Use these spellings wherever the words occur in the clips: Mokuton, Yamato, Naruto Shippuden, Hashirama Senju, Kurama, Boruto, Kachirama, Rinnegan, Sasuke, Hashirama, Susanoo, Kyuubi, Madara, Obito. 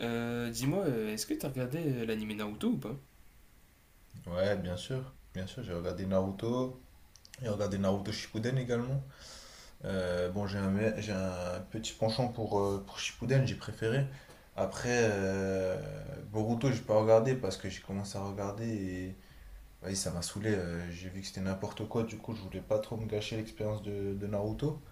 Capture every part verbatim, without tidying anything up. Euh, dis-moi, euh, est-ce que t'as regardé euh, l'anime Naruto ou pas? Ouais, bien sûr, bien sûr, j'ai regardé Naruto, j'ai regardé Naruto Shippuden également. Euh, bon, j'ai un, me- j'ai un petit penchant pour, euh, pour Shippuden, j'ai préféré. Après, euh, Boruto, j'ai pas regardé parce que j'ai commencé à regarder et vas-y, ça m'a saoulé. Euh, j'ai vu que c'était n'importe quoi, du coup, je voulais pas trop me gâcher l'expérience de, de Naruto.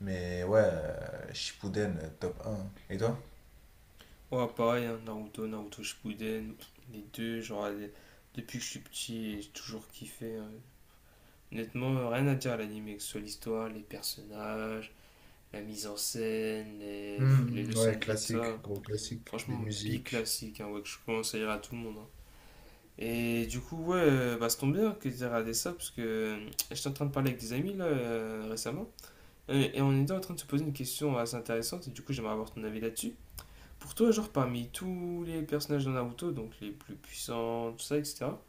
Mais ouais, euh, Shippuden, euh, top un. Et toi? Ouais, pareil, hein, Naruto, Naruto Shippuden, les deux, genre, les- depuis que je suis petit, j'ai toujours kiffé, hein. Honnêtement, euh, rien à dire à l'anime, que ce soit l'histoire, les personnages, la mise en scène, les, pff, les Hmm, leçons ouais, de vie, tout classique, ça. gros classique. Les Franchement, bi musiques. classique, hein, ouais, que je commence à dire à tout le monde, hein. Et du coup, ouais, euh, bah, ça tombe bien que t'aies regardé ça, parce que euh, j'étais en train de parler avec des amis, là, euh, récemment, et et on était en train de se poser une question assez intéressante, et du coup, j'aimerais avoir ton avis là-dessus. Pour toi, genre parmi tous les personnages de Naruto, donc les plus puissants, tout ça, et cetera,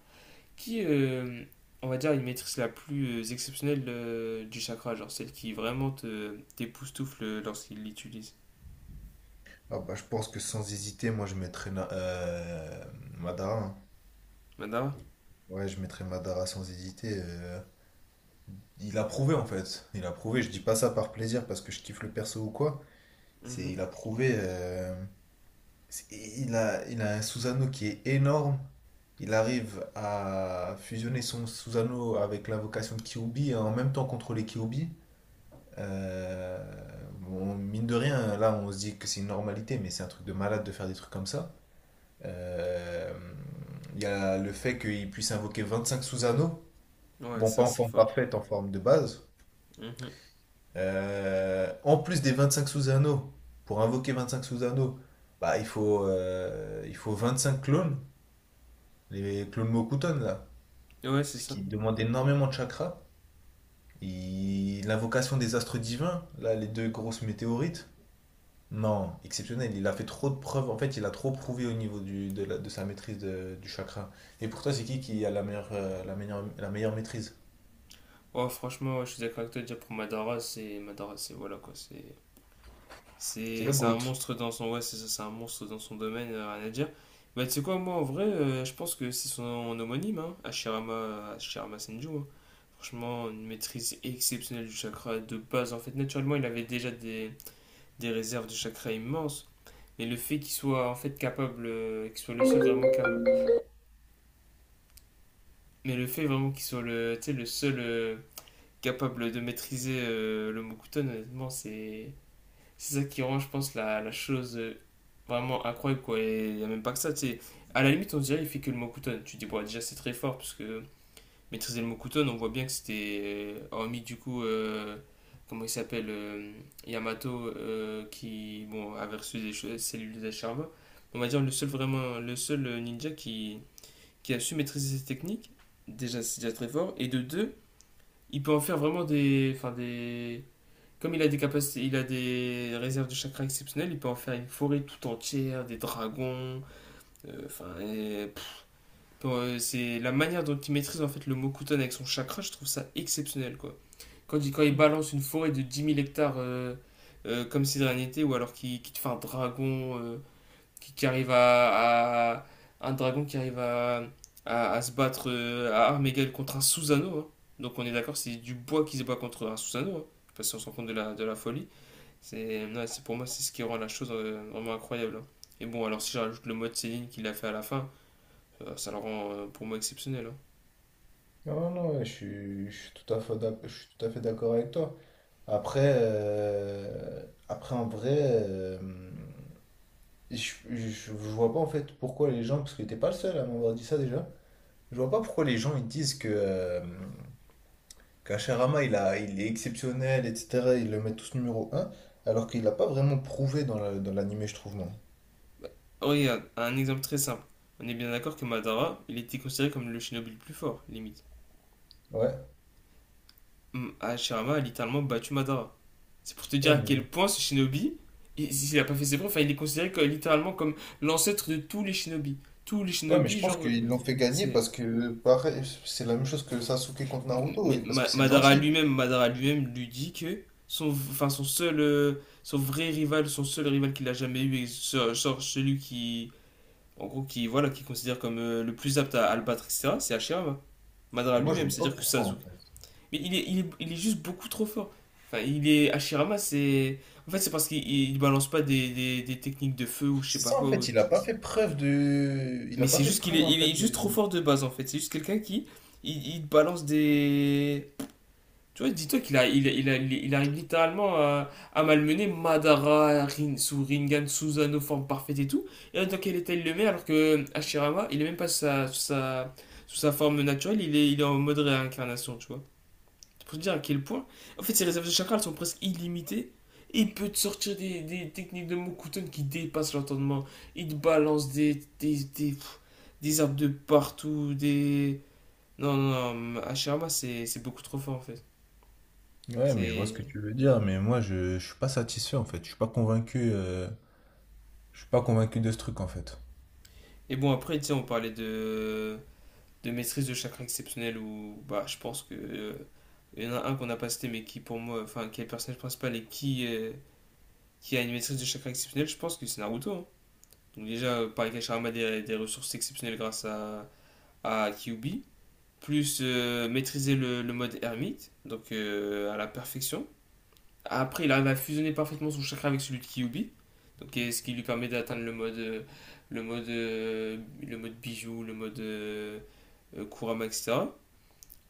qui, euh, on va dire, une maîtrise la plus euh, exceptionnelle euh, du chakra, genre celle qui vraiment te t'époustoufle lorsqu'il l'utilise. Ah bah, je pense que sans hésiter, moi je mettrais Na- euh, Madara, hein. Madara. Ouais, je mettrais Madara sans hésiter. euh. Il a prouvé en fait. Il a prouvé, je dis pas ça par plaisir parce que je kiffe le perso ou quoi. C'est, Mhm. il a prouvé. euh, c'est- Il a, il a un Susanoo qui est énorme. Il arrive à fusionner son Susanoo avec l'invocation de Kyuubi et en même temps contrôler Kyuubi. Euh, bon, mine de rien, là on se dit que c'est une normalité, mais c'est un truc de malade de faire des trucs comme ça. Euh, Il y a le fait qu'il puisse invoquer vingt-cinq sous-anneaux. Ouais, Bon, pas ça en c'est forme fort. parfaite, en forme de base. Mhm. Euh, en plus des vingt-cinq sous-anneaux, pour invoquer vingt-cinq sous-anneaux, bah, il faut, euh, il faut vingt-cinq clones, les clones Mokuton là, Ouais, c'est ce ça. qui demande énormément de chakras. Il- L'invocation des astres divins, là, les deux grosses météorites. Non, exceptionnel. Il a fait trop de preuves. En fait, il a trop prouvé au niveau du, de, la- de sa maîtrise de- du chakra. Et pour toi, c'est qui qui a la meilleure, euh, la meilleure, la meilleure maîtrise? Oh, franchement, ouais, je suis d'accord avec toi, déjà pour Madara, c'est. Madara, c'est. Voilà quoi, c'est. C'est C'est le c'est un GOAT. monstre dans son, ouais, c'est ça, c'est un monstre dans son domaine, euh, rien à dire. Bah tu sais quoi, moi en vrai, euh, je pense que c'est son homonyme, hein, Hashirama, Hashirama Senju. Hein. Franchement, une maîtrise exceptionnelle du chakra de base. En fait, naturellement, il avait déjà des, des réserves de chakra immenses, mais le fait qu'il soit en fait capable, euh, qu'il soit le seul vraiment capable, mais le fait vraiment qu'il soit le, tu sais, le seul euh, capable de maîtriser euh, le Mokuton, honnêtement, c'est. C'est ça qui rend, je pense, la, la chose euh, vraiment incroyable, quoi. Et il n'y a même pas que ça, tu sais. À la limite, on dirait il fait que le Mokuton. Tu dis, bon, déjà, c'est très fort, parce que maîtriser le Mokuton, on voit bien que c'était, euh, hormis du coup, euh, comment il s'appelle, euh, Yamato, euh, qui, bon, avait reçu des che- cellules de charbon. On va dire le seul vraiment, le seul euh, ninja qui, qui a su maîtriser ses techniques. Déjà, c'est déjà très fort. Et de deux, il peut en faire vraiment des, enfin des, comme il a des capacités, il a des réserves de chakras exceptionnelles, il peut en faire une forêt tout entière, des dragons. euh, Enfin, et- bon, euh, c'est la manière dont il maîtrise en fait le Mokuton avec son chakra, je trouve ça exceptionnel quoi. Quand il, quand il balance une forêt de dix mille hectares euh, euh, comme si de rien n'était, ou alors qu'il qu'il te fait un dragon, euh, qui, qui arrive à, à- un dragon qui arrive à, à, à se battre, euh, à armes égales contre un Susanoo, hein. Donc on est d'accord, c'est du bois qui se bat contre un Susanoo, hein. Je sais si se rend compte de la, de la folie. C'est, ouais, c'est pour moi, c'est ce qui rend la chose euh, vraiment incroyable, hein. Et bon, alors si je rajoute le mode Céline qu'il a fait à la fin, euh, ça le rend euh, pour moi exceptionnel, hein. Non, non, je suis, je suis tout à fait d'ac- je suis tout à fait d'accord avec toi. Après, euh, après en vrai, euh, je, je, je vois pas en fait pourquoi les gens, parce que t'es pas le seul à m'avoir dit ça déjà, je vois pas pourquoi les gens ils disent que, euh, Kachirama, il a, il est exceptionnel, et cetera. Ils le mettent tous numéro un alors qu'il n'a pas vraiment prouvé dans la- dans l'anime, je trouve, moi. Oh, regarde, un exemple très simple. On est bien d'accord que Madara, il était considéré comme le shinobi le plus fort, limite. Ouais, Hum, Hashirama a littéralement battu Madara. C'est pour te dire ouais, à mais, quel point ce shinobi, il- si, s'il a pas fait ses preuves, enfin, il est considéré que- littéralement comme l'ancêtre de tous les shinobi. Tous les ouais, mais je shinobi, pense genre, qu'ils l'ont fait gagner c'est. parce que, pareil, c'est la même chose que Sasuke contre Naruto, Mais et parce que Ma- c'est le Madara gentil. lui-même, Madara lui-même lui dit que son, enfin son seul, euh, son vrai rival, son seul rival qu'il a jamais eu, et ce- genre celui qui, en gros, qui voilà, qui considère comme euh, le plus apte à, à le battre, et cetera. C'est Hashirama. Madara Et moi, je lui-même, vois pas c'est-à-dire que pourquoi, en Sasuke. fait. Mais il est, il est, il est juste beaucoup trop fort. Enfin, il est Hashirama, c'est, en fait, c'est parce qu'il il balance pas des, des, des techniques de feu ou je sais C'est pas ça, en quoi. fait, ou- il a pas fait preuve de… Il Mais a pas c'est fait juste qu'il preuve, est, en il est fait, juste de… trop fort de base en fait. C'est juste quelqu'un qui, il, il balance des. Tu vois, dis-toi qu'il a, il, il a- il il arrive littéralement à, à malmener Madara, Rin, Rinnegan, Susanoo, forme parfaite et tout. Et en tant qu'elle était le met, alors que Hashirama, il est même pas sous sa, sous sa, sous sa forme naturelle, il est, il est en mode réincarnation, tu vois. C'est pour te dire à quel point. En fait, ses réserves de chakras elles sont presque illimitées. Et il peut te sortir des, des techniques de Mokuton qui dépassent l'entendement. Il te balance des, des, des, pff, des arbres de partout, des. Non, non, non, Hashirama, c'est c'est beaucoup trop fort en fait. Ouais, mais je vois ce que C'est. tu veux dire, mais moi je, je suis pas satisfait en fait, je suis pas convaincu. euh, Je suis pas convaincu de ce truc en fait. Et bon, après, tu sais, on parlait de, de maîtrise de chakra exceptionnel où, bah, je pense que euh, il y en a un qu'on n'a pas cité, mais qui pour moi, enfin, qui est le personnage principal et qui, euh, qui a une maîtrise de chakra exceptionnelle je pense que c'est Naruto, hein. Donc, déjà, euh, pareil a des, des ressources exceptionnelles grâce à, à Kyuubi. Plus euh, maîtriser le, le mode ermite, donc euh, à la perfection. Après, il arrive à fusionner parfaitement son chakra avec celui de Kyubi, donc, ce qui lui permet d'atteindre le mode, euh, le mode, euh, le mode bijou, le mode euh, euh, Kurama, et cetera.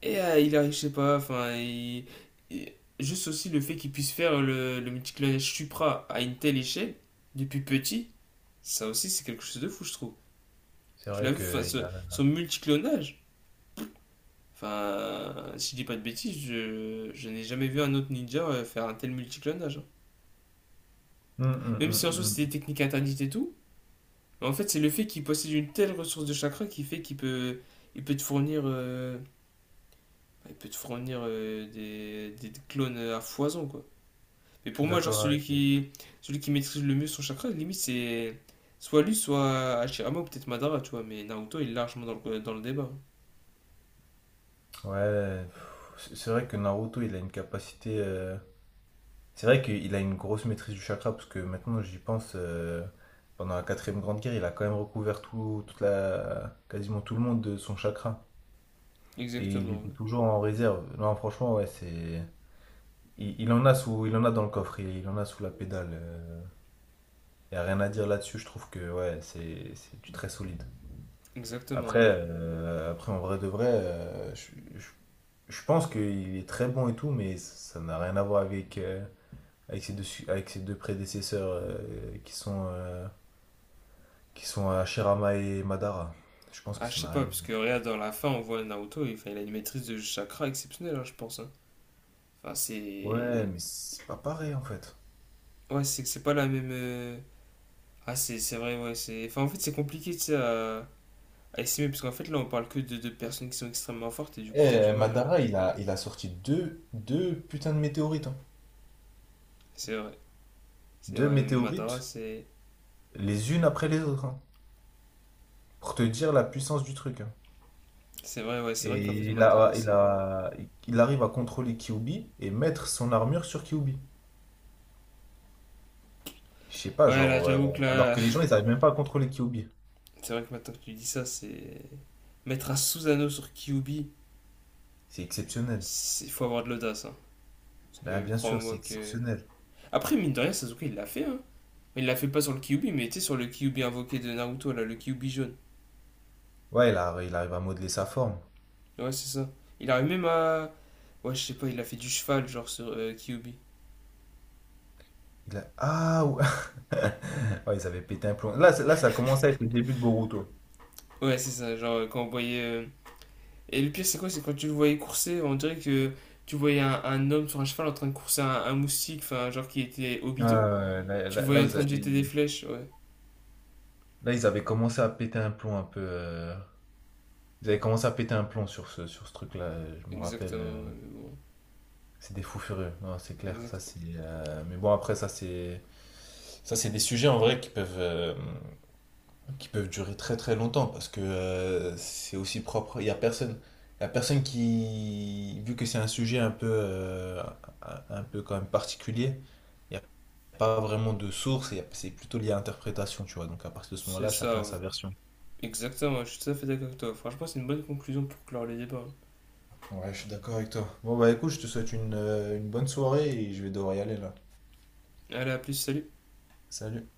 Et euh, il arrive, je sais pas, enfin, il- il- juste aussi le fait qu'il puisse faire le, le multiclonage Supra à une telle échelle, depuis petit, ça aussi c'est quelque chose de fou, je trouve. C'est Tu l'as vrai vu, enfin, que il ce- a… son multiclonage, enfin, si je dis pas de bêtises, je, je n'ai jamais vu un autre ninja euh, faire un tel multiclonage, hein. Hum, hum, Même si hum, en soi c'était hum. des techniques interdites et tout, en fait c'est le fait qu'il possède une telle ressource de chakra qui fait qu'il peut, il peut te fournir, euh, il peut te fournir euh, des, des clones à foison quoi. Mais Je pour suis moi genre d'accord celui avec toi. qui, celui qui maîtrise le mieux son chakra, limite c'est soit lui, soit Hashirama ou peut-être Madara, tu vois. Mais Naruto il est largement dans le, dans le débat. Ouais, pff, c'est c'est vrai que Naruto, il a une capacité. euh, C'est vrai qu'il a une grosse maîtrise du chakra, parce que maintenant j'y pense, euh, pendant la quatrième grande guerre, il a quand même recouvert tout, toute la, quasiment tout le monde de son chakra. Et il Exactement, était ouais. toujours en réserve. Non, franchement, ouais, c'est… Il, il en a sous, il en a dans le coffre, il, il en a sous la pédale. euh. Il n'y a rien à dire là-dessus, je trouve que ouais, c'est c'est du très solide. Après, Exactement, ouais. euh, après, en vrai de vrai, euh, je, je- je pense qu'il est très bon et tout, mais ça n'a rien à voir avec, euh, avec ses deux, su- avec ses deux prédécesseurs euh, qui sont, euh, qui sont Hashirama et Madara. Je pense que Ah je ça sais n'a pas, rien à parce que regarde dans la fin on voit Naruto, il, enfin, il a une maîtrise de chakra exceptionnelle, hein, je pense, hein. Enfin voir. Ouais, c'est. mais c'est pas pareil en fait. Ouais c'est que c'est pas la même. euh, Ah, c'est c'est vrai, ouais. c'est- Enfin, en fait, c'est compliqué, tu sais, à, à estimer, parce qu'en fait, là, on parle que de de personnes qui sont extrêmement fortes, et du coup, t'as du Eh, mal. euh, Madara, il a, il a sorti deux, deux putains de météorites, hein. C'est vrai. C'est Deux vrai, mais Madara, météorites, c'est. les unes après les autres, hein, pour te dire la puissance du truc, hein. C'est vrai, ouais, c'est vrai qu'en fait, Et il a, Madara, il c'est. a, il arrive à contrôler Kyuubi et mettre son armure sur Kyuubi. Je sais pas, Ouais, là, genre, euh, j'avoue que alors là. que les gens, ils arrivent même pas à contrôler Kyuubi. C'est vrai que maintenant que tu dis ça, c'est. Mettre un Susanoo sur Kyuubi, C'est exceptionnel. il faut avoir de l'audace, hein. Parce Bah, que bien sûr, c'est crois-moi que. exceptionnel. Après, mine de rien, Sasuke, il l'a fait, hein. Il l'a fait pas sur le Kyuubi, mais tu sais, sur le Kyuubi invoqué de Naruto, là, le Kyuubi jaune. Ouais, il, a- il arrive à modeler sa forme. Ouais, c'est ça. Il arrive même à. Ouais, je sais pas, il a fait du cheval, genre sur euh, Kyuubi. Il a… Ah, ouais. Ouais, ils avaient pété un plomb. Là, c'est- là, ça commençait à être le début de Boruto. Ouais, c'est ça, genre euh, quand on voyait. euh, Et le pire, c'est quoi? C'est quand tu le voyais courser, on dirait que tu voyais un, un homme sur un cheval en train de courser un, un moustique, enfin, genre qui était Ouais, ouais, Obito. ouais. là, Tu le là- voyais là, en ils train a- de jeter des ils- flèches, ouais. Là, ils avaient commencé à péter un plomb un peu. euh, Ils avaient commencé à péter un plomb sur ce, sur ce truc-là. euh, Je me rappelle. euh, Exactement, ouais, mais bon. C'est des fous furieux. Non, c'est clair. Ça, Exact. c'est. Euh, Mais bon, après, ça, c'est. Ça, c'est des sujets en vrai qui peuvent, euh, qui peuvent durer très très longtemps parce que euh, c'est aussi propre. Il y a personne, il y a personne qui, vu que c'est un sujet un peu, euh, un, un peu quand même particulier, il n'y a pas vraiment de source. Et c'est plutôt lié à l'interprétation, tu vois. Donc à partir de ce C'est moment-là, chacun ça, a ouais. sa version. Exactement, je suis tout à fait d'accord avec toi. Franchement, c'est une bonne conclusion pour clore le débat, hein. Ouais, je suis d'accord avec toi. Bon bah écoute, je te souhaite une, euh, une bonne soirée et je vais devoir y aller là. Allez, à plus, salut! Salut.